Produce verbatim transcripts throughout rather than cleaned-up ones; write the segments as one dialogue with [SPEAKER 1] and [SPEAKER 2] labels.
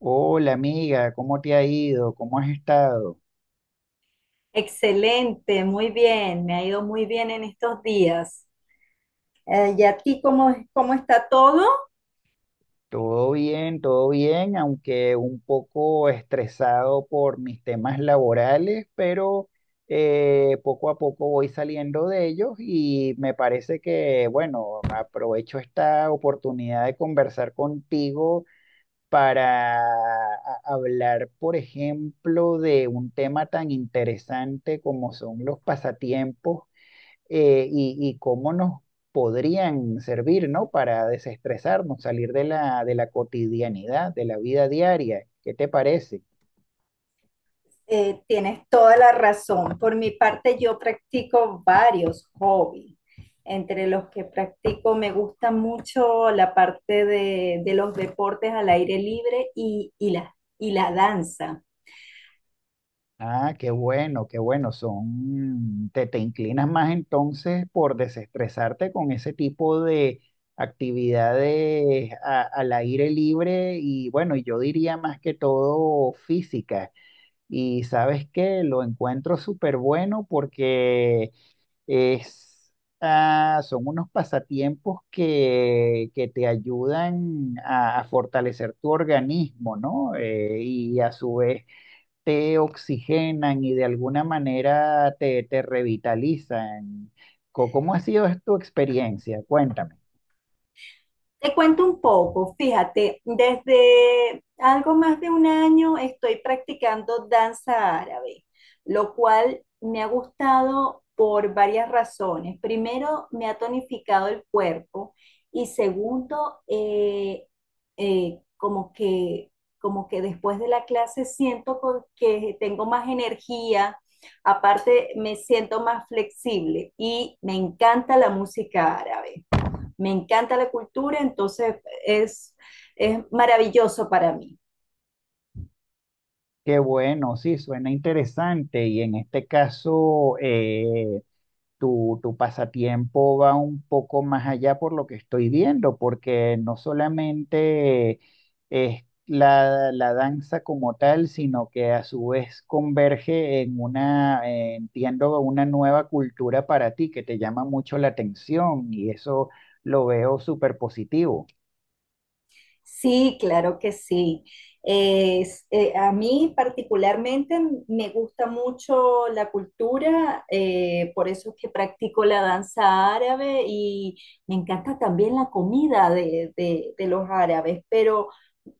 [SPEAKER 1] Hola amiga, ¿cómo te ha ido? ¿Cómo has estado?
[SPEAKER 2] Excelente, muy bien, me ha ido muy bien en estos días. Eh, ¿y a ti cómo, cómo está todo?
[SPEAKER 1] Todo bien, todo bien, aunque un poco estresado por mis temas laborales, pero eh, poco a poco voy saliendo de ellos y me parece que, bueno, aprovecho esta oportunidad de conversar contigo para a- hablar, por ejemplo, de un tema tan interesante como son los pasatiempos. Eh, y, y cómo nos podrían servir, ¿no? Para desestresarnos, salir de la, de la cotidianidad, de la vida diaria. ¿Qué te parece?
[SPEAKER 2] Eh, tienes toda la razón. Por mi parte, yo practico varios hobbies. Entre los que practico me gusta mucho la parte de, de los deportes al aire libre y, y la, y la danza.
[SPEAKER 1] Ah, qué bueno, qué bueno. Son, te, te inclinas más entonces por desestresarte con ese tipo de actividades a- al aire libre y, bueno, yo diría más que todo física. Y sabes qué, lo encuentro súper bueno porque Es, ah, son unos pasatiempos que, que te ayudan a, a fortalecer tu organismo, ¿no? Eh, y a su vez te oxigenan y de alguna manera te, te revitalizan. Co- ¿Cómo ha sido tu experiencia? Cuéntame.
[SPEAKER 2] Te cuento un poco, fíjate, desde algo más de un año estoy practicando danza árabe, lo cual me ha gustado por varias razones. Primero, me ha tonificado el cuerpo y segundo, eh, eh, como que, como que después de la clase siento con- que tengo más energía, aparte me siento más flexible y me encanta la música árabe, me encanta la cultura. entonces es, es maravilloso para mí.
[SPEAKER 1] Qué bueno, sí, suena interesante. Y en este caso, eh, tu, tu pasatiempo va un poco más allá por lo que estoy viendo, porque no solamente es la, la danza como tal, sino que a su vez converge en una, eh, entiendo, una nueva cultura para ti que te llama mucho la atención, y eso lo veo súper positivo.
[SPEAKER 2] Sí, claro que sí. Es- eh, a mí particularmente me gusta mucho la cultura, eh, por eso es que practico la danza árabe y me encanta también la comida de, de- de los árabes, pero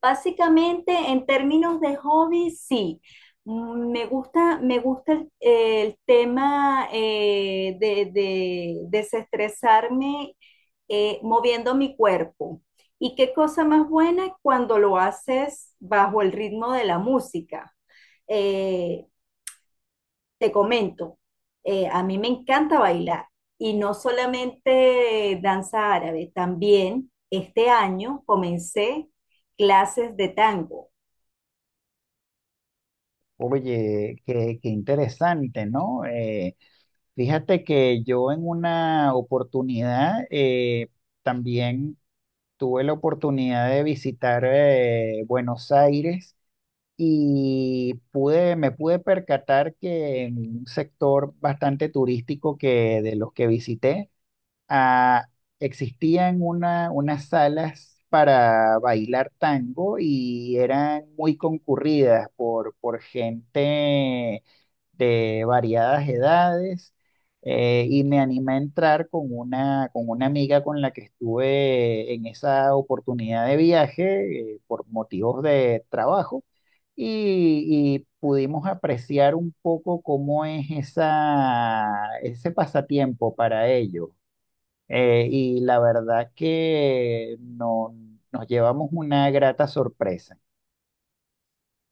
[SPEAKER 2] básicamente en términos de hobby, sí. Mm, me gusta, me gusta el, el tema eh, de de desestresarme, eh, moviendo mi cuerpo. Y qué cosa más buena cuando lo haces bajo el ritmo de la música. Eh, Te comento, eh, a mí me encanta bailar y no solamente danza árabe, también este año comencé clases de tango.
[SPEAKER 1] Oye, qué, qué, interesante, ¿no? Eh, fíjate que yo en una oportunidad, eh, también tuve la oportunidad de visitar, eh, Buenos Aires, y pude, me pude percatar que en un sector bastante turístico, que de los que visité, ah, existían una, unas salas para bailar tango y eran muy concurridas por, por gente de variadas edades. Eh, y me animé a entrar con una, con una amiga con la que estuve en esa oportunidad de viaje, eh, por motivos de trabajo, y, y pudimos apreciar un poco cómo es esa, ese pasatiempo para ellos. Eh, y la verdad que no, nos llevamos una grata sorpresa.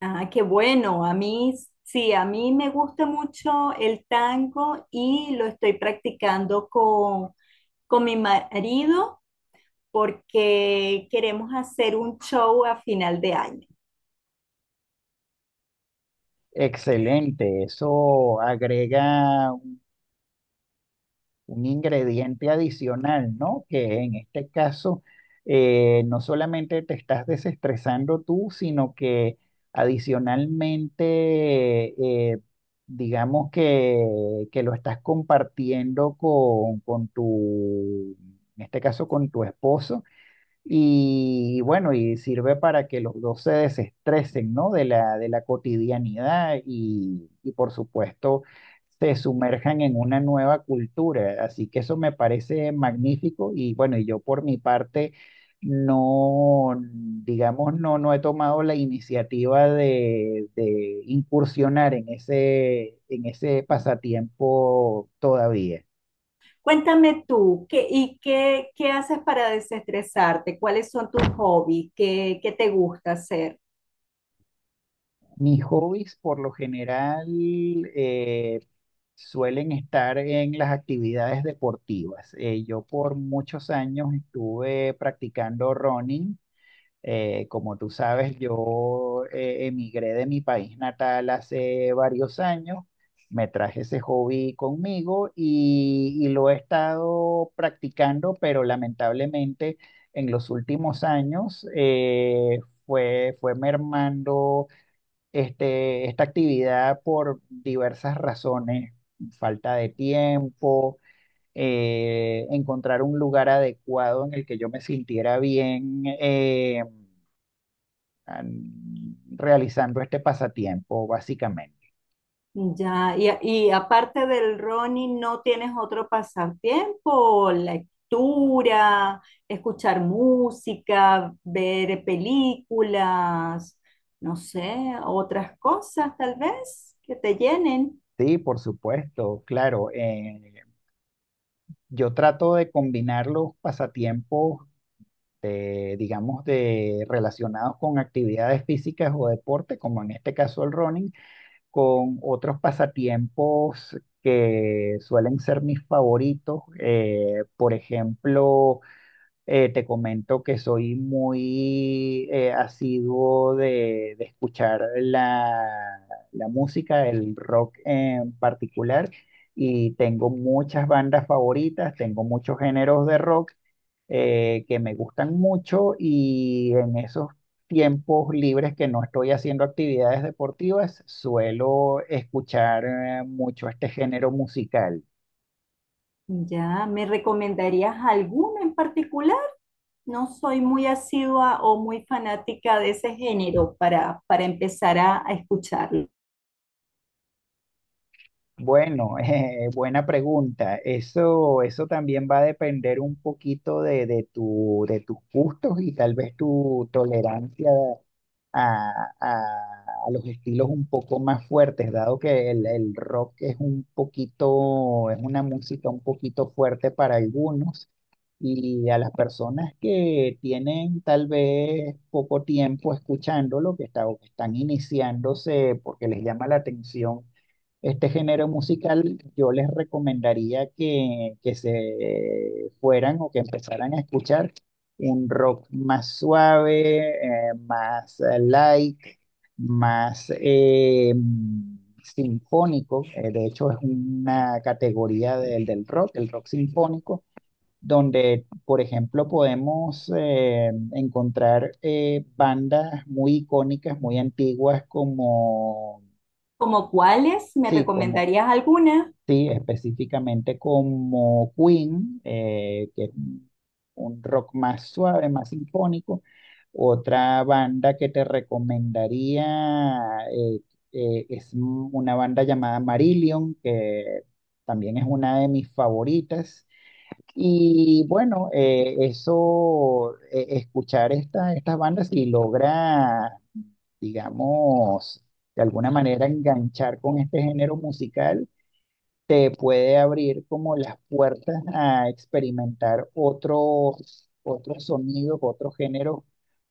[SPEAKER 2] Ah, qué bueno, a mí sí, a mí me gusta mucho el tango y lo estoy practicando con, con mi marido porque queremos hacer un show a final de año.
[SPEAKER 1] Excelente, eso agrega un un ingrediente adicional, ¿no? Que en este caso, eh, no solamente te estás desestresando tú, sino que adicionalmente, eh, digamos que, que lo estás compartiendo con, con tu, en este caso con tu esposo. Y bueno, y sirve para que los dos se desestresen, ¿no? De la, de la cotidianidad y, y por supuesto se sumerjan en una nueva cultura. Así que eso me parece magnífico y, bueno, y yo por mi parte no, digamos, no, no he tomado la iniciativa de, de incursionar en ese, en ese pasatiempo todavía.
[SPEAKER 2] Cuéntame tú, ¿qué, ¿y qué, qué haces para desestresarte? ¿Cuáles son tus hobbies? ¿Qué, qué te gusta hacer?
[SPEAKER 1] Mis hobbies, por lo general, eh, suelen estar en las actividades deportivas. Eh, yo por muchos años estuve practicando running. Eh, como tú sabes, yo, eh, emigré de mi país natal hace varios años. Me traje ese hobby conmigo y, y lo he estado practicando, pero lamentablemente en los últimos años, eh, fue, fue mermando este, esta actividad por diversas razones: falta de tiempo, eh, encontrar un lugar adecuado en el que yo me sintiera bien, eh, an- realizando este pasatiempo, básicamente.
[SPEAKER 2] Ya, y, y aparte del running, ¿no tienes otro pasatiempo? Lectura, escuchar música, ver películas, no sé, otras cosas tal vez que te llenen.
[SPEAKER 1] Sí, por supuesto, claro. Eh, yo trato de combinar los pasatiempos, eh, digamos, de, relacionados con actividades físicas o deporte, como en este caso el running, con otros pasatiempos que suelen ser mis favoritos. Eh, por ejemplo, eh, te comento que soy muy, eh, asiduo de, de escuchar la, la música, el rock en particular. Y tengo muchas bandas favoritas, tengo muchos géneros de rock, eh, que me gustan mucho, y en esos tiempos libres que no estoy haciendo actividades deportivas, suelo escuchar, eh, mucho este género musical.
[SPEAKER 2] Ya, ¿me recomendarías alguna en particular? No soy muy asidua o muy fanática de ese género para, para empezar a, a escucharlo.
[SPEAKER 1] Bueno, eh, buena pregunta. Eso, eso también va a depender un poquito de, de tu, de tus gustos y tal vez tu tolerancia a, a- a los estilos un poco más fuertes, dado que el, el rock es un poquito, es una música un poquito fuerte para algunos. Y a las personas que tienen tal vez poco tiempo escuchándolo, que está- o que están iniciándose porque les llama la atención este género musical, yo les recomendaría que, que se fueran o que empezaran a escuchar un rock más suave, eh, más, eh, light, más, eh, sinfónico. Eh, de hecho, es una categoría del, del rock, el rock sinfónico, donde, por ejemplo, podemos, eh, encontrar, eh, bandas muy icónicas, muy antiguas, como...
[SPEAKER 2] ¿Como cuáles? ¿Me
[SPEAKER 1] Sí,
[SPEAKER 2] recomendarías alguna?
[SPEAKER 1] sí, específicamente como Queen, eh, que es un un rock más suave, más sinfónico. Otra banda que te recomendaría, eh, eh, es m- una banda llamada Marillion, que también es una de mis favoritas. Y bueno, eh, eso, eh, escuchar esta, estas bandas y logra, digamos, de alguna manera enganchar con este género musical te puede abrir como las puertas a experimentar otros, otros sonidos, otros géneros,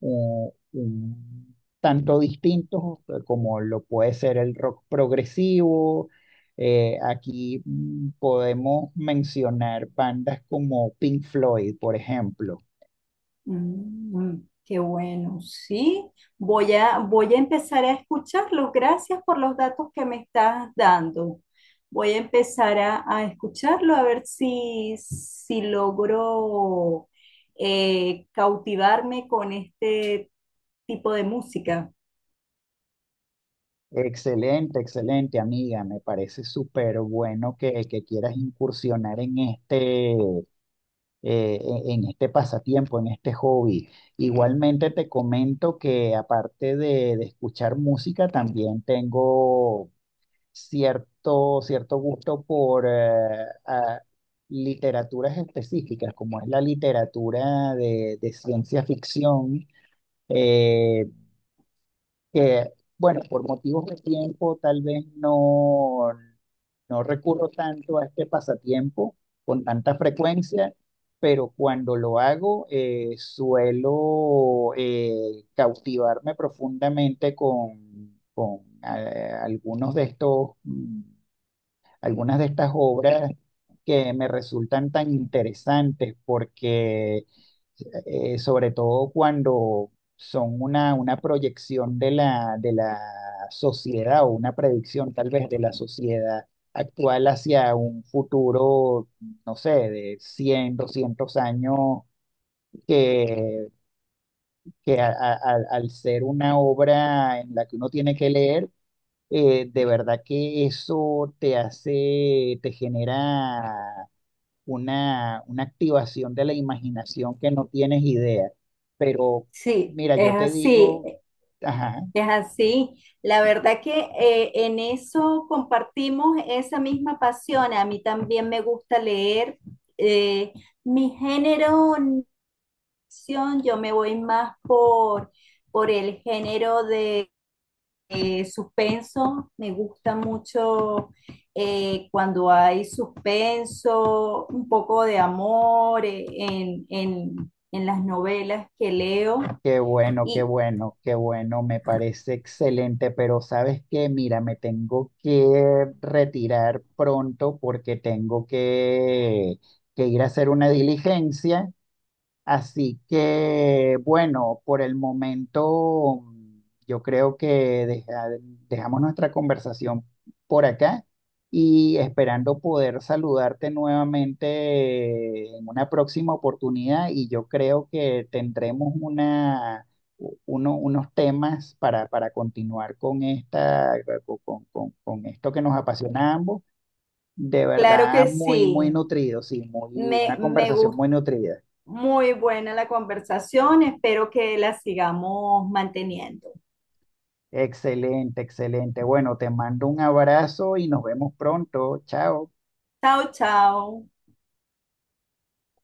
[SPEAKER 1] eh, un tanto distintos, eh, como lo puede ser el rock progresivo. Eh, aquí, mm, podemos mencionar bandas como Pink Floyd, por ejemplo.
[SPEAKER 2] Mm, qué bueno, sí. Voy a, voy a empezar a escucharlos. Gracias por los datos que me estás dando. Voy a empezar a, a escucharlo, a ver si, si logro eh, cautivarme con este tipo de música.
[SPEAKER 1] Excelente, excelente amiga, me parece súper bueno que, que quieras incursionar en este, eh, en en este pasatiempo, en este hobby. Igualmente te comento que aparte de, de escuchar música, también tengo cierto, cierto gusto por, eh, a- literaturas específicas, como es la literatura de, de ciencia ficción. eh, que, bueno, por motivos de tiempo tal vez no, no recurro tanto a este pasatiempo con tanta frecuencia, pero cuando lo hago, eh, suelo, eh, cautivarme profundamente con, con eh, algunos de estos, mm, algunas de estas obras, que me resultan tan interesantes porque, eh, sobre todo cuando son una, una proyección de la, de la sociedad, o una predicción tal vez de la sociedad actual hacia un futuro, no sé, de cien doscientos años, que, que a- a- al al ser una obra en la que uno tiene que leer, eh, de verdad que eso te hace, te genera una, una activación de la imaginación que no tienes idea. Pero
[SPEAKER 2] Sí,
[SPEAKER 1] mira,
[SPEAKER 2] es
[SPEAKER 1] yo te
[SPEAKER 2] así.
[SPEAKER 1] digo, ajá,
[SPEAKER 2] Es así. La verdad que eh, en eso compartimos esa misma pasión. A mí también me gusta leer. eh, Mi género, no ficción, yo me voy más por, por el género de eh, suspenso. Me gusta mucho eh, cuando hay suspenso, un poco de amor, eh, en, en en las novelas que leo.
[SPEAKER 1] qué bueno, qué
[SPEAKER 2] Y,
[SPEAKER 1] bueno, qué bueno, me parece excelente. Pero sabes qué, mira, me tengo que retirar pronto porque tengo que, que ir a hacer una diligencia. Así que, bueno, por el momento, mm, yo creo que deja- dejamos nuestra conversación por acá, y esperando poder saludarte nuevamente en una próxima oportunidad. Y yo creo que tendremos una, u- uno- unos temas para, para continuar con esta, con, con- con- con esto que nos apasiona a ambos. De
[SPEAKER 2] claro
[SPEAKER 1] verdad,
[SPEAKER 2] que
[SPEAKER 1] muy, muy
[SPEAKER 2] sí.
[SPEAKER 1] nutrido, sí, muy,
[SPEAKER 2] Me,
[SPEAKER 1] una
[SPEAKER 2] me
[SPEAKER 1] conversación
[SPEAKER 2] gustó
[SPEAKER 1] muy nutrida.
[SPEAKER 2] muy buena la conversación. Espero que la sigamos manteniendo.
[SPEAKER 1] Excelente, excelente. Bueno, te mando un abrazo y nos vemos pronto. Chao.
[SPEAKER 2] Chao, chao.